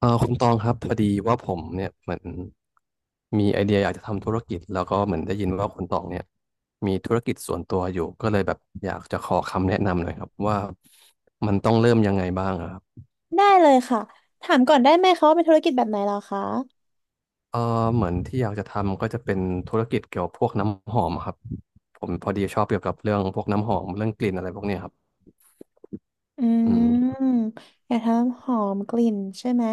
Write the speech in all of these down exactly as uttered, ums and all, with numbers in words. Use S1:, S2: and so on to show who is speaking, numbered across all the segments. S1: เออคุณตองครับพอดีว่าผมเนี่ยเหมือนมีไอเดียอยากจะทำธุรกิจแล้วก็เหมือนได้ยินว่าคุณตองเนี่ยมีธุรกิจส่วนตัวอยู่ก็เลยแบบอยากจะขอคำแนะนำหน่อยครับว่ามันต้องเริ่มยังไงบ้างอะครับ
S2: ได้เลยค่ะถามก่อนได้ไหมคะว่าเป็นธุรกิจแบบไหนเหรอคะ
S1: เออเหมือนที่อยากจะทำก็จะเป็นธุรกิจเกี่ยวกับพวกน้ำหอมครับผมพอดีชอบเกี่ยวกับเรื่องพวกน้ำหอมเรื่องกลิ่นอะไรพวกเนี้ยครับ
S2: อื
S1: อืม
S2: มอยากทำหอมกลิ่นใช่ไหม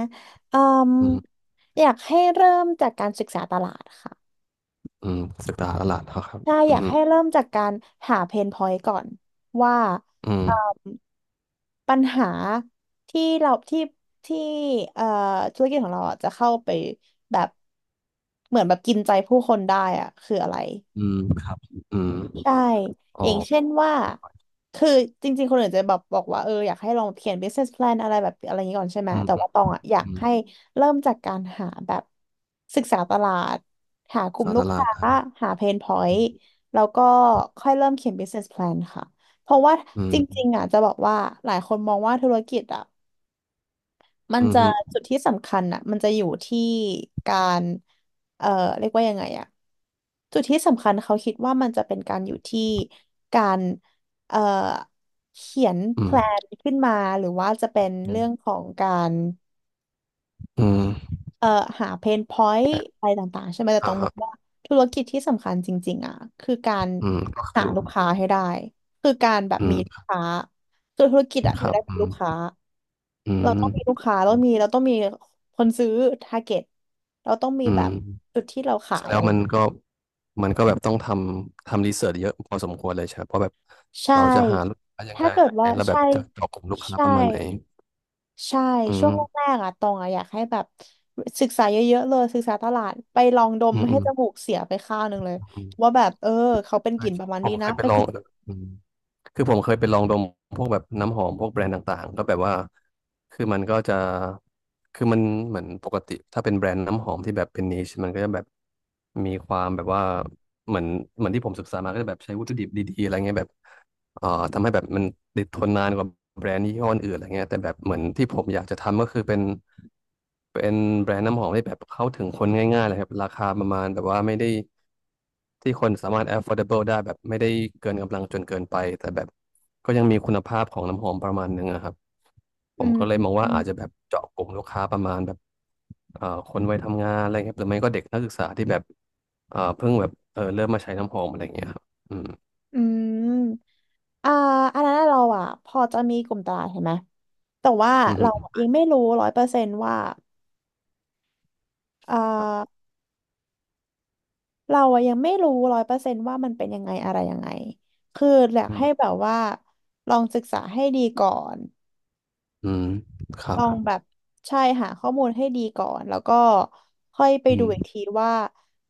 S2: อืม
S1: อืม
S2: อยากให้เริ่มจากการศึกษาตลาดค่ะ
S1: อืมศึกษาตลาดเขาครับ
S2: ใช่
S1: อื
S2: อยาก
S1: ม
S2: ให้เริ่มจากการหาเพนพอยต์ก่อนว่า
S1: อื
S2: เอ่อ
S1: ม
S2: ปัญหาที่เราที่ที่เอ่อธุรกิจของเราอะจะเข้าไปแบบเหมือนแบบกินใจผู้คนได้อะคืออะไร
S1: อืมครับอืม
S2: ใช่
S1: อ๋อ
S2: อย่างเช่นว่า คือจริงๆ คนอื่นจะแบบบอกว่าเอออยากให้ลองเขียน business plan อะไรแบบอะไรอย่างนี้ก่อนใช่ไหม
S1: อืม
S2: แต่
S1: อืม
S2: ว่าตองอ่ะอยาก
S1: อืม
S2: ให้เริ่มจากการหาแบบศึกษาตลาด หาก
S1: ศึก
S2: ลุ่ม
S1: ษา
S2: ลู
S1: ต
S2: ก
S1: ลา
S2: ค้า
S1: ดฮะ
S2: หา pain
S1: อื
S2: point
S1: ม
S2: แล้วก็ค่อยเริ่มเขียน business plan ค่ะ เพราะว่า
S1: อื
S2: จริ
S1: ม
S2: งๆอ่ะจะบอกว่าหลายคนมองว่าธุรกิจอ่ะ มัน
S1: อืม
S2: จะ
S1: ฮึ
S2: จุดที่สำคัญอ่ะมันจะอยู่ที่การ เอ่อเรียกว่ายังไงอ่ะจุดที่สำคัญเขาคิดว่ามันจะเป็นการอยู่ที่การเอ่อเขียน
S1: อื
S2: แพล
S1: ม
S2: นขึ้นมาหรือว่าจะเป็น
S1: อื
S2: เรื่องข
S1: ม
S2: องการ
S1: อืม
S2: เอ่อหาเพนพอยต์
S1: แต่
S2: อะไรต่างๆใช่ไหมแต่
S1: อ่า
S2: ต้องบอ
S1: ฮะ
S2: กว่าธุรกิจที่สำคัญจริงๆอ่ะคือการ
S1: อืมก็
S2: หา
S1: คือ
S2: ลูกค้าให้ได้คือการแบบ
S1: อื
S2: มีลู
S1: ม
S2: กค้าคือธุรกิจอ่ะอ
S1: ค
S2: ยู่
S1: รับ
S2: ได้จา
S1: อื
S2: กลู
S1: ม
S2: กค้า
S1: อื
S2: เราต้องมีลู
S1: ม
S2: กค้าเรามีเราต้องมีคนซื้อทาร์เก็ตเราต้องมี
S1: อื
S2: แบ
S1: ม
S2: บจุดที่เราขา
S1: แส
S2: ย
S1: ดง
S2: อะไร
S1: ว่ามันก็มันก็แบบต้องทำทำรีเสิร์ชเยอะพอสมควรเลยใช่ไหมเพราะแบบ
S2: ใช่
S1: เราจะหาลูกค้ายัง
S2: ถ้า
S1: ไง
S2: เกิดว่า
S1: แล้วแบ
S2: ใช่
S1: บจะเจาะกลุ่มลูกค้า
S2: ใช่
S1: ประมาณไหน
S2: ใช่
S1: อื
S2: ช่วงแร
S1: ม
S2: กๆอะตองอะอยากให้แบบศึกษาเยอะๆเลยศึกษาตลาดไปลองดม
S1: อืม
S2: ให้
S1: อืม
S2: จมูกเสียไปข้างหนึ่งเลย
S1: อืม
S2: ว่าแบบเออเขาเป็นก
S1: ใช่
S2: ลิ่นประมาณ
S1: ผ
S2: นี้
S1: มเค
S2: นะ
S1: ยไป
S2: ไป
S1: ลอ
S2: ศึ
S1: ง
S2: ก
S1: เอออืม คือผมเคยไปลองดมพวกแบบน้ำหอมพวกแบรนด์ต่างๆก็แบบว่าคือมันก็จะคือมันเหมือนปกติถ้าเป็นแบรนด์น้ำหอมที่แบบเป็นนิชมันก็จะแบบมีความแบบว่าเหมือนเหมือนที่ผมศึกษามาก็จะแบบใช้วัตถุดิบดีๆอะไรเงี้ยแบบ เอ่อทำให้แบบมันติดทนนานกว่าแบรนด์ยี่ห้ออื่นอะไรเงี้ยแต่แบบเหมือนที่ผมอยากจะทำก็คือเป็นเป็นแบรนด์น้ำหอมที่แบบเข้าถึงคนง่ายๆเลยครับราคาประมาณแบบว่าไม่ได้ที่คนสามารถ affordable ได้แบบไม่ได้เกินกำลังจนเกินไปแต่แบบก็ยังมีคุณภาพของน้ำหอมประมาณหนึงอะครับผ
S2: อื
S1: ม
S2: ม
S1: ก็เลยมอง
S2: อื
S1: ว่า
S2: ม
S1: อาจจะแบบเจาะกลุ่มลูกค้าประมาณแบบเอ่อคนวัยทำงานอะไรครับหรือไม่ก็เด็กนักศึกษาที่แบบเอ่อเพิ่งแบบเออเริ่มมาใช้น้ำหอมอะไรอย่างเงี้ยครับอืม
S2: อืมอ่าอันนั้นเราอะพอจะมีกลุ่มตลาดเห็นไหมแต่ว่า
S1: อื
S2: เรา
S1: ม
S2: ยังไม่รู้ร้อยเปอร์เซนต์ว่าอ่า
S1: ครับ
S2: เราอะยังไม่รู้ร้อยเปอร์เซนต์ว่ามันเป็นยังไงอะไรยังไงคืออยาก
S1: อื
S2: ให้
S1: ม
S2: แบบว่าลองศึกษาให้ดีก่อน
S1: อืมครั
S2: ล
S1: บ
S2: องแบบใช่หาข้อมูลให้ดีก่อนแล้วก็ค่อยไป
S1: อื
S2: ดูอีก
S1: ม
S2: ทีว่า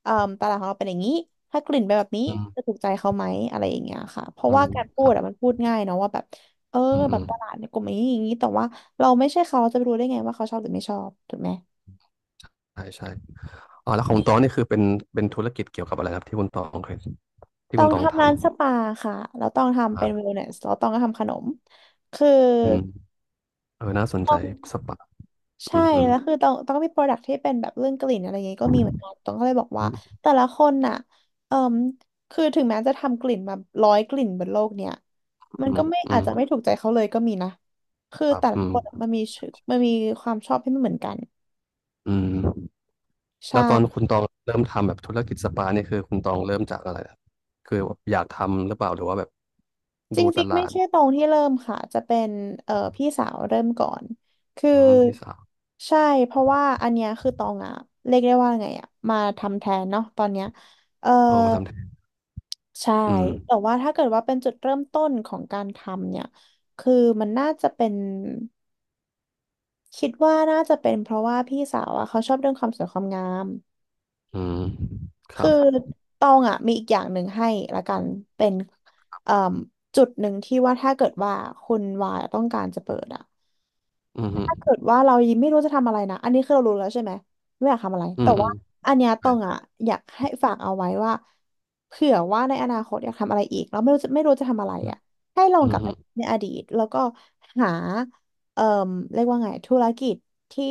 S2: เอ่อตลาดของเราเป็นอย่างนี้ถ้ากลิ่นเป็นแบบนี้
S1: อืม
S2: จะถูกใจเขาไหมอะไรอย่างเงี้ยค่ะเพราะ
S1: อื
S2: ว่า
S1: ม
S2: การพู
S1: ค
S2: ด
S1: รับ
S2: อะมันพูดง่ายเนาะว่าแบบเออ
S1: อืม
S2: แบ
S1: อื
S2: บ
S1: ม
S2: ตลาดในกลุ่มอย่างนี้อย่างนี้แต่ว่าเราไม่ใช่เขาเราจะไปรู้ได้ไงว่าเขาชอบหรือไม่ชอบถูกไหม
S1: ใช่ใช่อ๋อแล้วของตองนี่คือเป็นเป็นธุรกิจเกี่ยวกับอะไรครับที่คุณตองเคยที่
S2: ต้อ
S1: คุณ
S2: ง
S1: ตอง
S2: ทำ
S1: ทำ
S2: ร้านสปาค่ะแล้วต้องทำเป็นเว
S1: อ่า
S2: ลเนสแล้วต้องก็ทำขนมคือ
S1: อืมเออน่าสนใจสปาอื
S2: ใช่
S1: มอืม
S2: แล้วคือต้องต้องมีโปรดักที่เป็นแบบเรื่องกลิ่นอะไรอย่างงี้ก็มีเหมือนกันต้องก็เลยบอกว่า
S1: อืม
S2: แต่ละคนน่ะเอ่มคือถึงแม้จะทำกลิ่นมาร้อยกลิ่นบนโลกเนี่ยมั
S1: อื
S2: นก็
S1: ม
S2: ไม่
S1: อื
S2: อาจ
S1: ม
S2: จะไม่ถูกใจเขาเลยก็มีนะคือ
S1: ครับ
S2: แต่ละ
S1: อื
S2: ค
S1: ม
S2: นอะมันมีชื่อมันมีความชอบที่ไม่เหมือนกัน
S1: อืม
S2: ใช่
S1: แล้วตอนคุณตองเริ่มทำแบบธุรกิจสปาเนี่ยคือคุณตองเริ่มจากอะไรครับคือแบบอยากทำหรือเปล่าหรือว่าแบบ
S2: จ
S1: ดูต
S2: ริงๆไม่
S1: ลาด
S2: ใช่ตรงที่เริ่มค่ะจะเป็นเอ่อพี่สาวเริ่มก่อนคือ
S1: อืมพี่สาว
S2: ใช่เพราะว่าอันเนี้ยคือตองอะเรียกได้ว่าไงอะมาทำแทนเนาะตอนเนี้ยเอ่อ
S1: อ๋อมาทำแทน
S2: ใช่
S1: อืม
S2: แต่ว่าถ้าเกิดว่าเป็นจุดเริ่มต้นของการทำเนี่ยคือมันน่าจะเป็นคิดว่าน่าจะเป็นเพราะว่าพี่สาวอะเขาชอบเรื่องความสวยความงาม
S1: อืมครั
S2: คือ
S1: บ
S2: ตองอ่ะมีอีกอย่างหนึ่งให้ละกันเป็นเอ่มจุดหนึ่งที่ว่าถ้าเกิดว่าคุณวายต้องการจะเปิดอ่ะ
S1: อืมฮึ
S2: ถ้าเกิดว่าเรายังไม่รู้จะทำอะไรนะอันนี้คือเรารู้แล้วใช่ไหมไม่อยากทำอะไร
S1: อื
S2: แต่
S1: มอื
S2: ว่า
S1: ม
S2: อันเนี้ยตองอ่ะอยากให้ฝากเอาไว้ว่าเผื่อว่าในอนาคตอยากทำอะไรอีกแล้วไม่รู้จะไม่รู้จะทำอะไรอ่ะ
S1: อื
S2: ให้ลองก
S1: ม
S2: ลับ
S1: ฮึ
S2: ไปในอดีตแล้วก็หาเอ่มเรียกว่าไงธุรกิจที่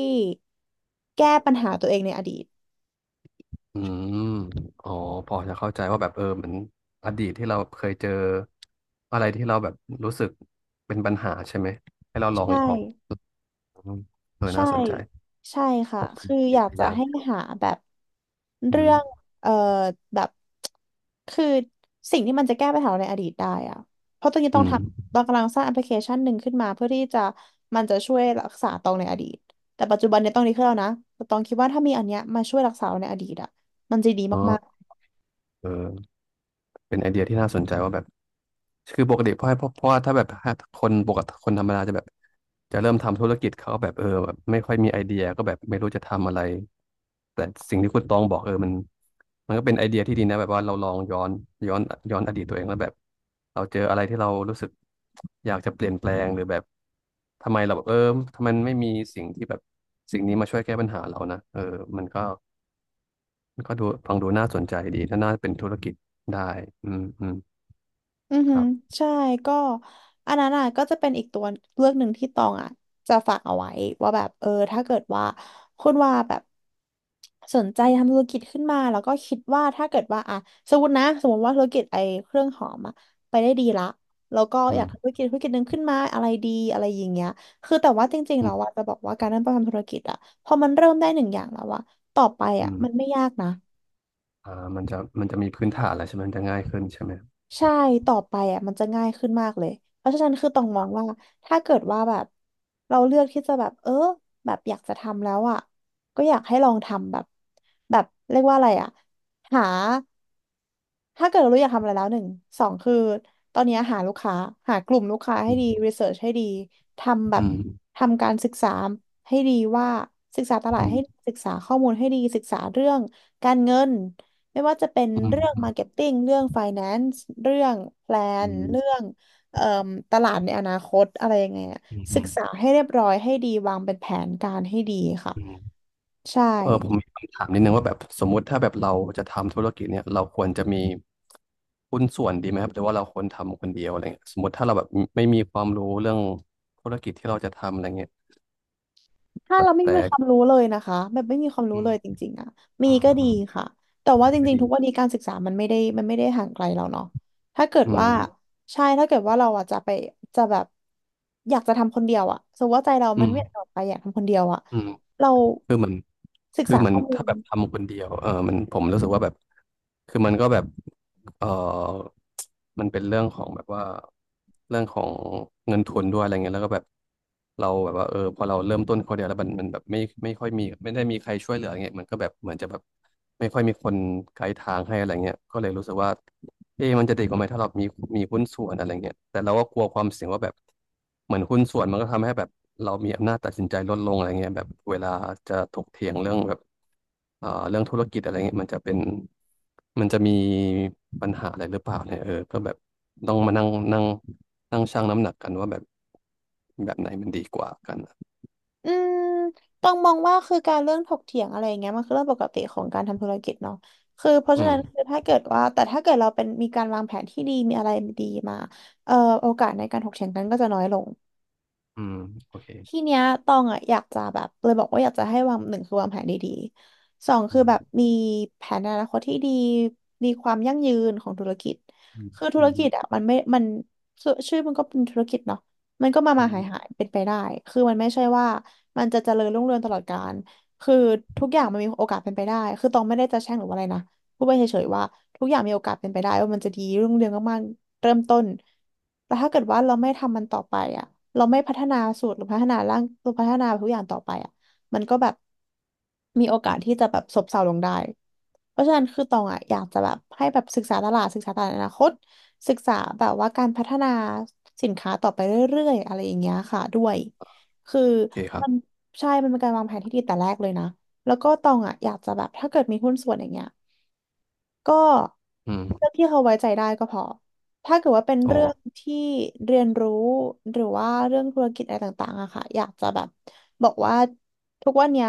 S2: แก้ปัญหาตัวเองในอดีต
S1: อืมอ๋อ พอจะเข้าใจว่าแบบเออเหมือนอดีตที่เราเคยเจออะไรที่เราแบบรู้สึกเป็นปัญหาใช่ไหมให้เราลอง
S2: ใช่
S1: อีกลองอืมเออ
S2: ใช่
S1: น่าสนใจ
S2: ใช่ค่ะ
S1: ขอบคุณ
S2: คืออ
S1: ที่ห
S2: ยาก
S1: ลาย
S2: จะ
S1: อย่าง
S2: ให้หาแบบ
S1: อื
S2: เรื่อ
S1: ม
S2: งเอ่อแบบคือสิ่งที่มันจะแก้ปัญหาในอดีตได้อะเพราะตอนนี้
S1: อื
S2: ต้อง
S1: ม
S2: ทำเรากำลังสร้างแอปพลิเคชันหนึ่งขึ้นมาเพื่อที่จะมันจะช่วยรักษาตองในอดีตแต่ปัจจุบันเนี่ยต้องดีขึ้นแล้วนะแต่ตองคิดว่าถ้ามีอันเนี้ยมาช่วยรักษาเราในอดีตอะมันจะดี
S1: อ๋อเออเป็นไอเดียที่น่าสนใจว่าแบบ คือปกติเพราะเพราะเพราะว่าถ้าแบบคนปกติคนธรรมดาจะแบบจะเริ่มทำธุรกิจเขาแบบเออแบบไม่ค่อยมีไอเดียก็แบบไม่รู้จะทำอะไรแต่สิ่งที่คุณตองบอกเออมันมันก็เป็นไอเดียที่ดีนะแบบว่าเราลองย้อนย้อนย้อนอดีตตัวเองแล้วแบบเราเจออะไรที่เรารู้สึกอยากจะเปลี่ยนแปลงหรือแบบทำไมเราแบบเออทำไมไม่มีสิ่งที่แบบสิ่งนี้มาช่วยแก้ปัญหาเรานะเออมันก็มันก็ดูฟังดูน่าสนใจดีถ้าน่าเป็นธุรกิจได้อืมอืม
S2: อือ
S1: ค
S2: หือ
S1: รับ
S2: ใช่ก็อันนั้นอ่ะก็จะเป็นอีกตัวเลือกหนึ่งที่ตองอ่ะจะฝากเอาไว้ว่าแบบเออถ้าเกิดว่าคุณว่าแบบสนใจทำธุรกิจขึ้นมาแล้วก็คิดว่าถ้าเกิดว่าอ่ะสมมตินะสมมติว่าธุรกิจไอ้เครื่องหอมอ่ะไปได้ดีละแล้วก็
S1: อื
S2: อยาก
S1: ม
S2: ทำธุรกิจธุรกิจหนึ่งขึ้นมาอะไรดีอะไรอย่างเงี้ยคือแต่ว่าจริงๆ
S1: อื
S2: เรา
S1: ม
S2: อ่ะจะบอกว่าการเริ่มต้นทำธุรกิจอ่ะพอมันเริ่มได้หนึ่งอย่างแล้วอ่ะต่อไป
S1: อื
S2: อ่ะ
S1: ม
S2: มันไม่ยากนะ
S1: อ่ามันจะมันจะมีพื้นฐานแล้วใช่ไหมมันจะง่ายขึ้นใช่ไหม
S2: ใช่ ต่อไปอ่ะมันจะง่ายขึ้นมากเลย เพราะฉะนั้นคือต้องมองว่าถ้าเกิดว่าแบบเราเลือกที่จะแบบเออแบบอยากจะทำแล้วอ่ะก็อยากให้ลองทำแบบแบบเรียกว่าอะไรอ่ะหา ถ้าเกิดเรารู้อยากทำอะไรแล้วหนึ่งสองคือตอนนี้หาลูกค้าหากลุ่มลูกค้าให้
S1: อ
S2: ดีรีเสิร์ชให้ดีทำแบบ
S1: ืม
S2: ทำการศึกษาให้ดีว่าศึกษาตลา
S1: อื
S2: ดให้
S1: ม
S2: ศึกษาข้อมูลให้ดีศึกษาเรื่องการเงินไม่ว่าจะเป็น
S1: อื
S2: เรื่อง
S1: ม
S2: มาร์เก็ตติ้ง เรื่อง ไฟแนนซ์ เรื่องแพล
S1: อื
S2: นเรื่อ
S1: ม
S2: งเอ่มตลาดในอนาคตอะไรยังไงอะ
S1: อืมอื
S2: ศึก
S1: มอืม
S2: ษาให้เรียบร้อยให้ดีวางเป็นแผนการให้ดีค่ะ
S1: อืม
S2: ใช่
S1: เออผมมีคำถามนิดนึงว่าแบบสมมุติถ้าแบบเราจะทำธุรกิจเนี่ยเราควรจะมีหุ้นส่วนดีไหมครับหรือว่าเราควรทำคนเดียวอะไรเงี้ยสมมติถ้าเราแบบไม่มีความรู้เรื่องธุรกิจที่เราจะทำอะไรเงี้ย
S2: ถ้า
S1: แต่
S2: เราไม่มี
S1: แต่
S2: ความรู้เลยนะคะแบบไม่มีความรู้
S1: อื
S2: เล
S1: ม
S2: ยจริงๆอ่ะมี
S1: อืม
S2: ก็ดี
S1: อืม
S2: ค่ะแต่ว่าจ
S1: ก็
S2: ริง
S1: ดี
S2: ๆทุกวันนี้การศึกษามันไม่ได้มันไม่ได้ห่างไกลเราเนาะถ้าเกิด
S1: อืม
S2: ว่าใช่ถ้าเกิดว่าเราอ่ะจะไปจะแบบอยากจะทำคนเดียวอ่ะสมมติว่าใจเรา
S1: อื
S2: มัน
S1: ม
S2: ไม่อยากออกไปอยากทำคนเดียวอ่ะ
S1: อืม
S2: เรา
S1: คือมัน
S2: ศึก
S1: คือ
S2: ษา
S1: มัน
S2: ข้อมู
S1: ถ้า
S2: ล
S1: แบบทำคนเดียวเออมันผมรู้สึกว่าแบบคือมันก็แบบ เอ่อมันเป็นเรื่องของแบบว่าเรื่องของเงินทุนด้วยอะไรเงี้ยแล้วก็แบบเราแบบว่าเออพอเราเริ่มต้นคนเดียวแล้วมันมันแบบไม่ไม่ค่อยมีไม่ได้มีใครช่วยเหลืออะไรเงี้ยมันก็แบบเหมือนจะแบบไม่ค่อยมีคนไกด์ทางให้อะไรเงี้ยก็เลยรู้สึกว่าเอ๊ะมันจะดีกว่าไหมถ้าเรามีมีหุ้นส่วนอะไรเงี้ยแต่เราก็กลัวความเสี่ยงว่าแบบเหมือนหุ้นส่วนมันก็ทำให้แบบเรามีอำนาจตัดสินใจลดลงอะไรเงี้ยแบบเวลาจะถกเถียงเรื่องแบบ เอ่อเรื่องธุรกิจอะไรเงี้ยมันจะเป็นมันจะมีปัญหาอะไรหรือเปล่าเนี่ยเออก็แบบต้องมานั่งนั่งนั่งชั่งน้ำหนักกันว่าแบบแบบไหนมันดีกว่ากันอะ
S2: อืมต้องมองว่าคือการเรื่องถกเถียงอะไรอย่างเงี้ยมันคือเรื่องปกติของการทำธุรกิจเนาะคือเพราะ
S1: อื
S2: ฉะ
S1: ม
S2: นั้นคือถ้าเกิดว่าแต่ถ้าเกิดเราเป็นมีการวางแผนที่ดีมีอะไรดีมาเอ่อโอกาสในการถกเถียงกันก็จะน้อยลง
S1: อืมโอเค
S2: ทีเนี้ยตองอ่ะอยากจะแบบเลยบอกว่าอยากจะให้วางหนึ่งคือวางแผนดีๆสองคื
S1: อื
S2: อแบบ
S1: ม
S2: มีแผนอนาคตที่ดีมีความยั่งยืนของธุรกิจ
S1: อืม
S2: คือธุ
S1: อื
S2: ร
S1: ม
S2: กิจอ่ะมันไม่มันชื่อชื่อมันก็เป็นธุรกิจเนาะมันก็มา
S1: อื
S2: มาหาย
S1: ม
S2: หายเป็นไปได้คือมันไม่ใช่ว่ามันจะเจริญรุ่งเรืองตลอดกาลคือทุกอย่างมันมีโอกาสเป็นไปได้คือตองไม่ได้จะแช่งหรือว่าอะไรนะพูดไปเฉยๆว่าทุกอย่างมีโอกาสเป็นไปได้ว่ามันจะดีรุ่งเรืองมาก เริ่มต้นแต่ถ้าเกิดว่าเราไม่ทำมันต่อไปอ่ะเราไม่พัฒนาสูตรหรือพัฒนาร่างหรือพัฒนาทุกอย่างต่อไปอ่ะมันก็แบบมีโอกาสที่จะแบบซบเซาลงได้เพราะฉะนั้นคือตองอ่ะอยากจะแบบให้แบบศึกษาตลาดศึกษาตลาดอนาคตศึกษาแบบว่าการพัฒนาสินค้าต่อไปเรื่อยๆอะไรอย่างเงี้ยค่ะด้วยคือ
S1: โอเคครับ
S2: มันใช่มันเป็นการวางแผนที่ดีแต่แรกเลยนะแล้วก็ตองอ่ะอยากจะแบบถ้าเกิดมีหุ้นส่วนอย่างเงี้ย ก็
S1: อืม
S2: เรื่องที่เขาไว้ใจได้ก็พอถ้าเกิดว่าเป็น
S1: อ๋อ
S2: เรื่องที่เรียนรู้หรือว่าเรื่องธุรกิจอะไรต่างๆอะค่ะ อยากจะแบบบอกว่าทุกวันเนี้ย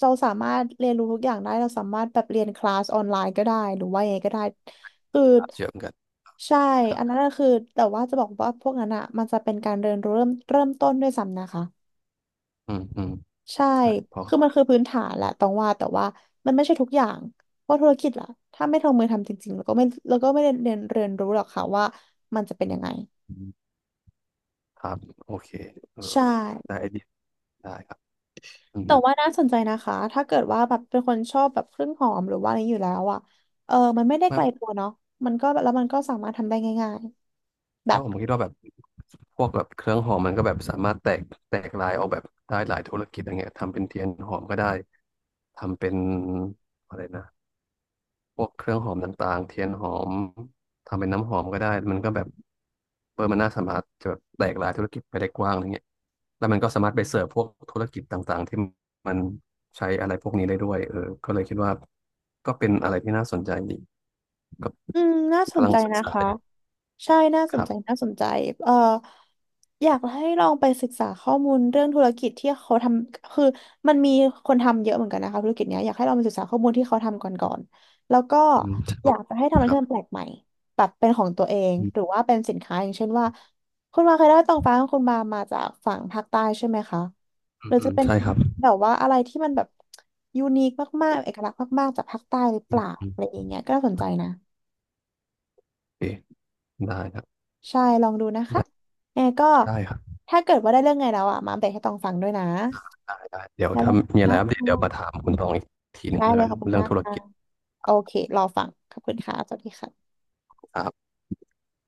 S2: เราสามารถเรียนรู้ทุกอย่างได้เราสามารถแบบเรียนคลาสออนไลน์ก็ได้หรือว่ายังไงก็ได้คือ
S1: เชื่อมกัน
S2: ใช่
S1: ครั
S2: อันนั้น
S1: บ
S2: ก็คือแต่ว่าจะบอกว่าพวกนั้นอะมันจะเป็นการเรียนรู้เริ่มเริ่มต้นด้วยซ้ำนะคะ
S1: อืมอืม
S2: ใช่
S1: ใช่พอ
S2: คือมันคือพื้นฐานแหละต้องว่าแต่ว่ามันไม่ใช่ทุกอย่างเพราะธุรกิจล่ะถ้าไม่ลงมือทำจริงๆแล้วก็ไม่แล้วก็ไม่ได้เรียนเรียนรู้หรอกค่ะว่ามันจะเป็นยังไง
S1: ครับโอเคเออ
S2: ใช่
S1: ได้ไอเดียได้ครับอืม
S2: แต่ว่าน่าสนใจนะคะถ้าเกิดว่าแบบเป็นคนชอบแบบเครื่องหอมหรือว่าอะไรอยู่แล้วอ่ะเออมันไม่ได้ไกลตั
S1: ไม่
S2: วเนาะมันก็แล้วมันก็สามารถทำได้ง่ายๆแบ
S1: ถ้า
S2: บ
S1: ผมคิดว่าแบบพวกแบบเครื่องหอมมันก็แบบสามารถแตกแตกลายออกแบบได้หลายธุรกิจอะไรเงี้ยทำเป็นเทียนหอมก็ได้ทำเป็นอะไรนะพวกเครื่องหอมต่างๆเทียนหอมทำเป็นน้ำหอมก็ได้มันก็แบบเออมันน่าสามารถจะแบบแตกลายธุรกิจไปได้กว้างอะไรเงี้ยแล้วมันก็สามารถไปเสิร์ฟพวกธุรกิจต่างๆที่มันใช้อะไรพวกนี้ได้ด้วยเออก็เลยคิดว่าก็เป็นอะไรที่น่าสนใจดีก็
S2: อืมน่าสน
S1: กำลั
S2: ใจ
S1: งศึก
S2: นะ
S1: ษา
S2: คะ
S1: อยู่
S2: ใช่น่าส
S1: ค
S2: น
S1: รั
S2: ใจ
S1: บ
S2: น่าสนใจเอ่ออยากให้ลองไปศึกษาข้อมูลเรื่องธุรกิจที่เขาทำคือมันมีคนทำเยอะเหมือนกันนะคะธุรกิจเนี้ยอยากให้ลองไปศึกษาข้อมูลที่เขาทำก่อนก่อนแล้วก็
S1: อืม
S2: อยากจะให้ทำอะไร
S1: ครั
S2: ที่
S1: บ
S2: มันแปลกใหม่แบบเป็นของตัวเอง
S1: อื
S2: หรือว่าเป็นสินค้าอย่างเช่นว่าคุณมาเคยได้ตองฟ้าของคุณมามาจากฝั่งภาคใต้ใช่ไหมคะ
S1: อื
S2: หรื
S1: ม
S2: อ
S1: อื
S2: จะ
S1: ม
S2: เป็น
S1: ใช่ครับ
S2: แบบว่าอะไรที่มันแบบยูนิคมากๆเอกลักษณ์มากๆจากภาคใต้หรือเป
S1: อืม
S2: ล่า
S1: อืม
S2: อะไรอย่างเงี้ยก็น่าสนใจนะ
S1: โอเคได้ครับ
S2: ใช่ลองดูนะคะ
S1: ได้
S2: แอร์ก็
S1: ได้ครับ
S2: ถ้าเกิดว่าได้เรื่องไงแล้วอ่ะมาอัปเดตให้ตองฟังด้วยนะ
S1: ได้ได้เดี๋ยว
S2: ได้เล
S1: ถ้า
S2: ย
S1: มีอะ
S2: ค่ะ
S1: ไรอัปเดตเดี๋ยวมาถามคุณตองอีกทีหนึ่
S2: ได้
S1: งแล้ว
S2: เลย
S1: กัน
S2: ขอบคุณ
S1: เรื่อง
S2: มาก
S1: ธุร
S2: ค่ะ
S1: กิจ
S2: โอเครอฟังขอบคุณค่ะสวัสดีค่ะ
S1: ครับ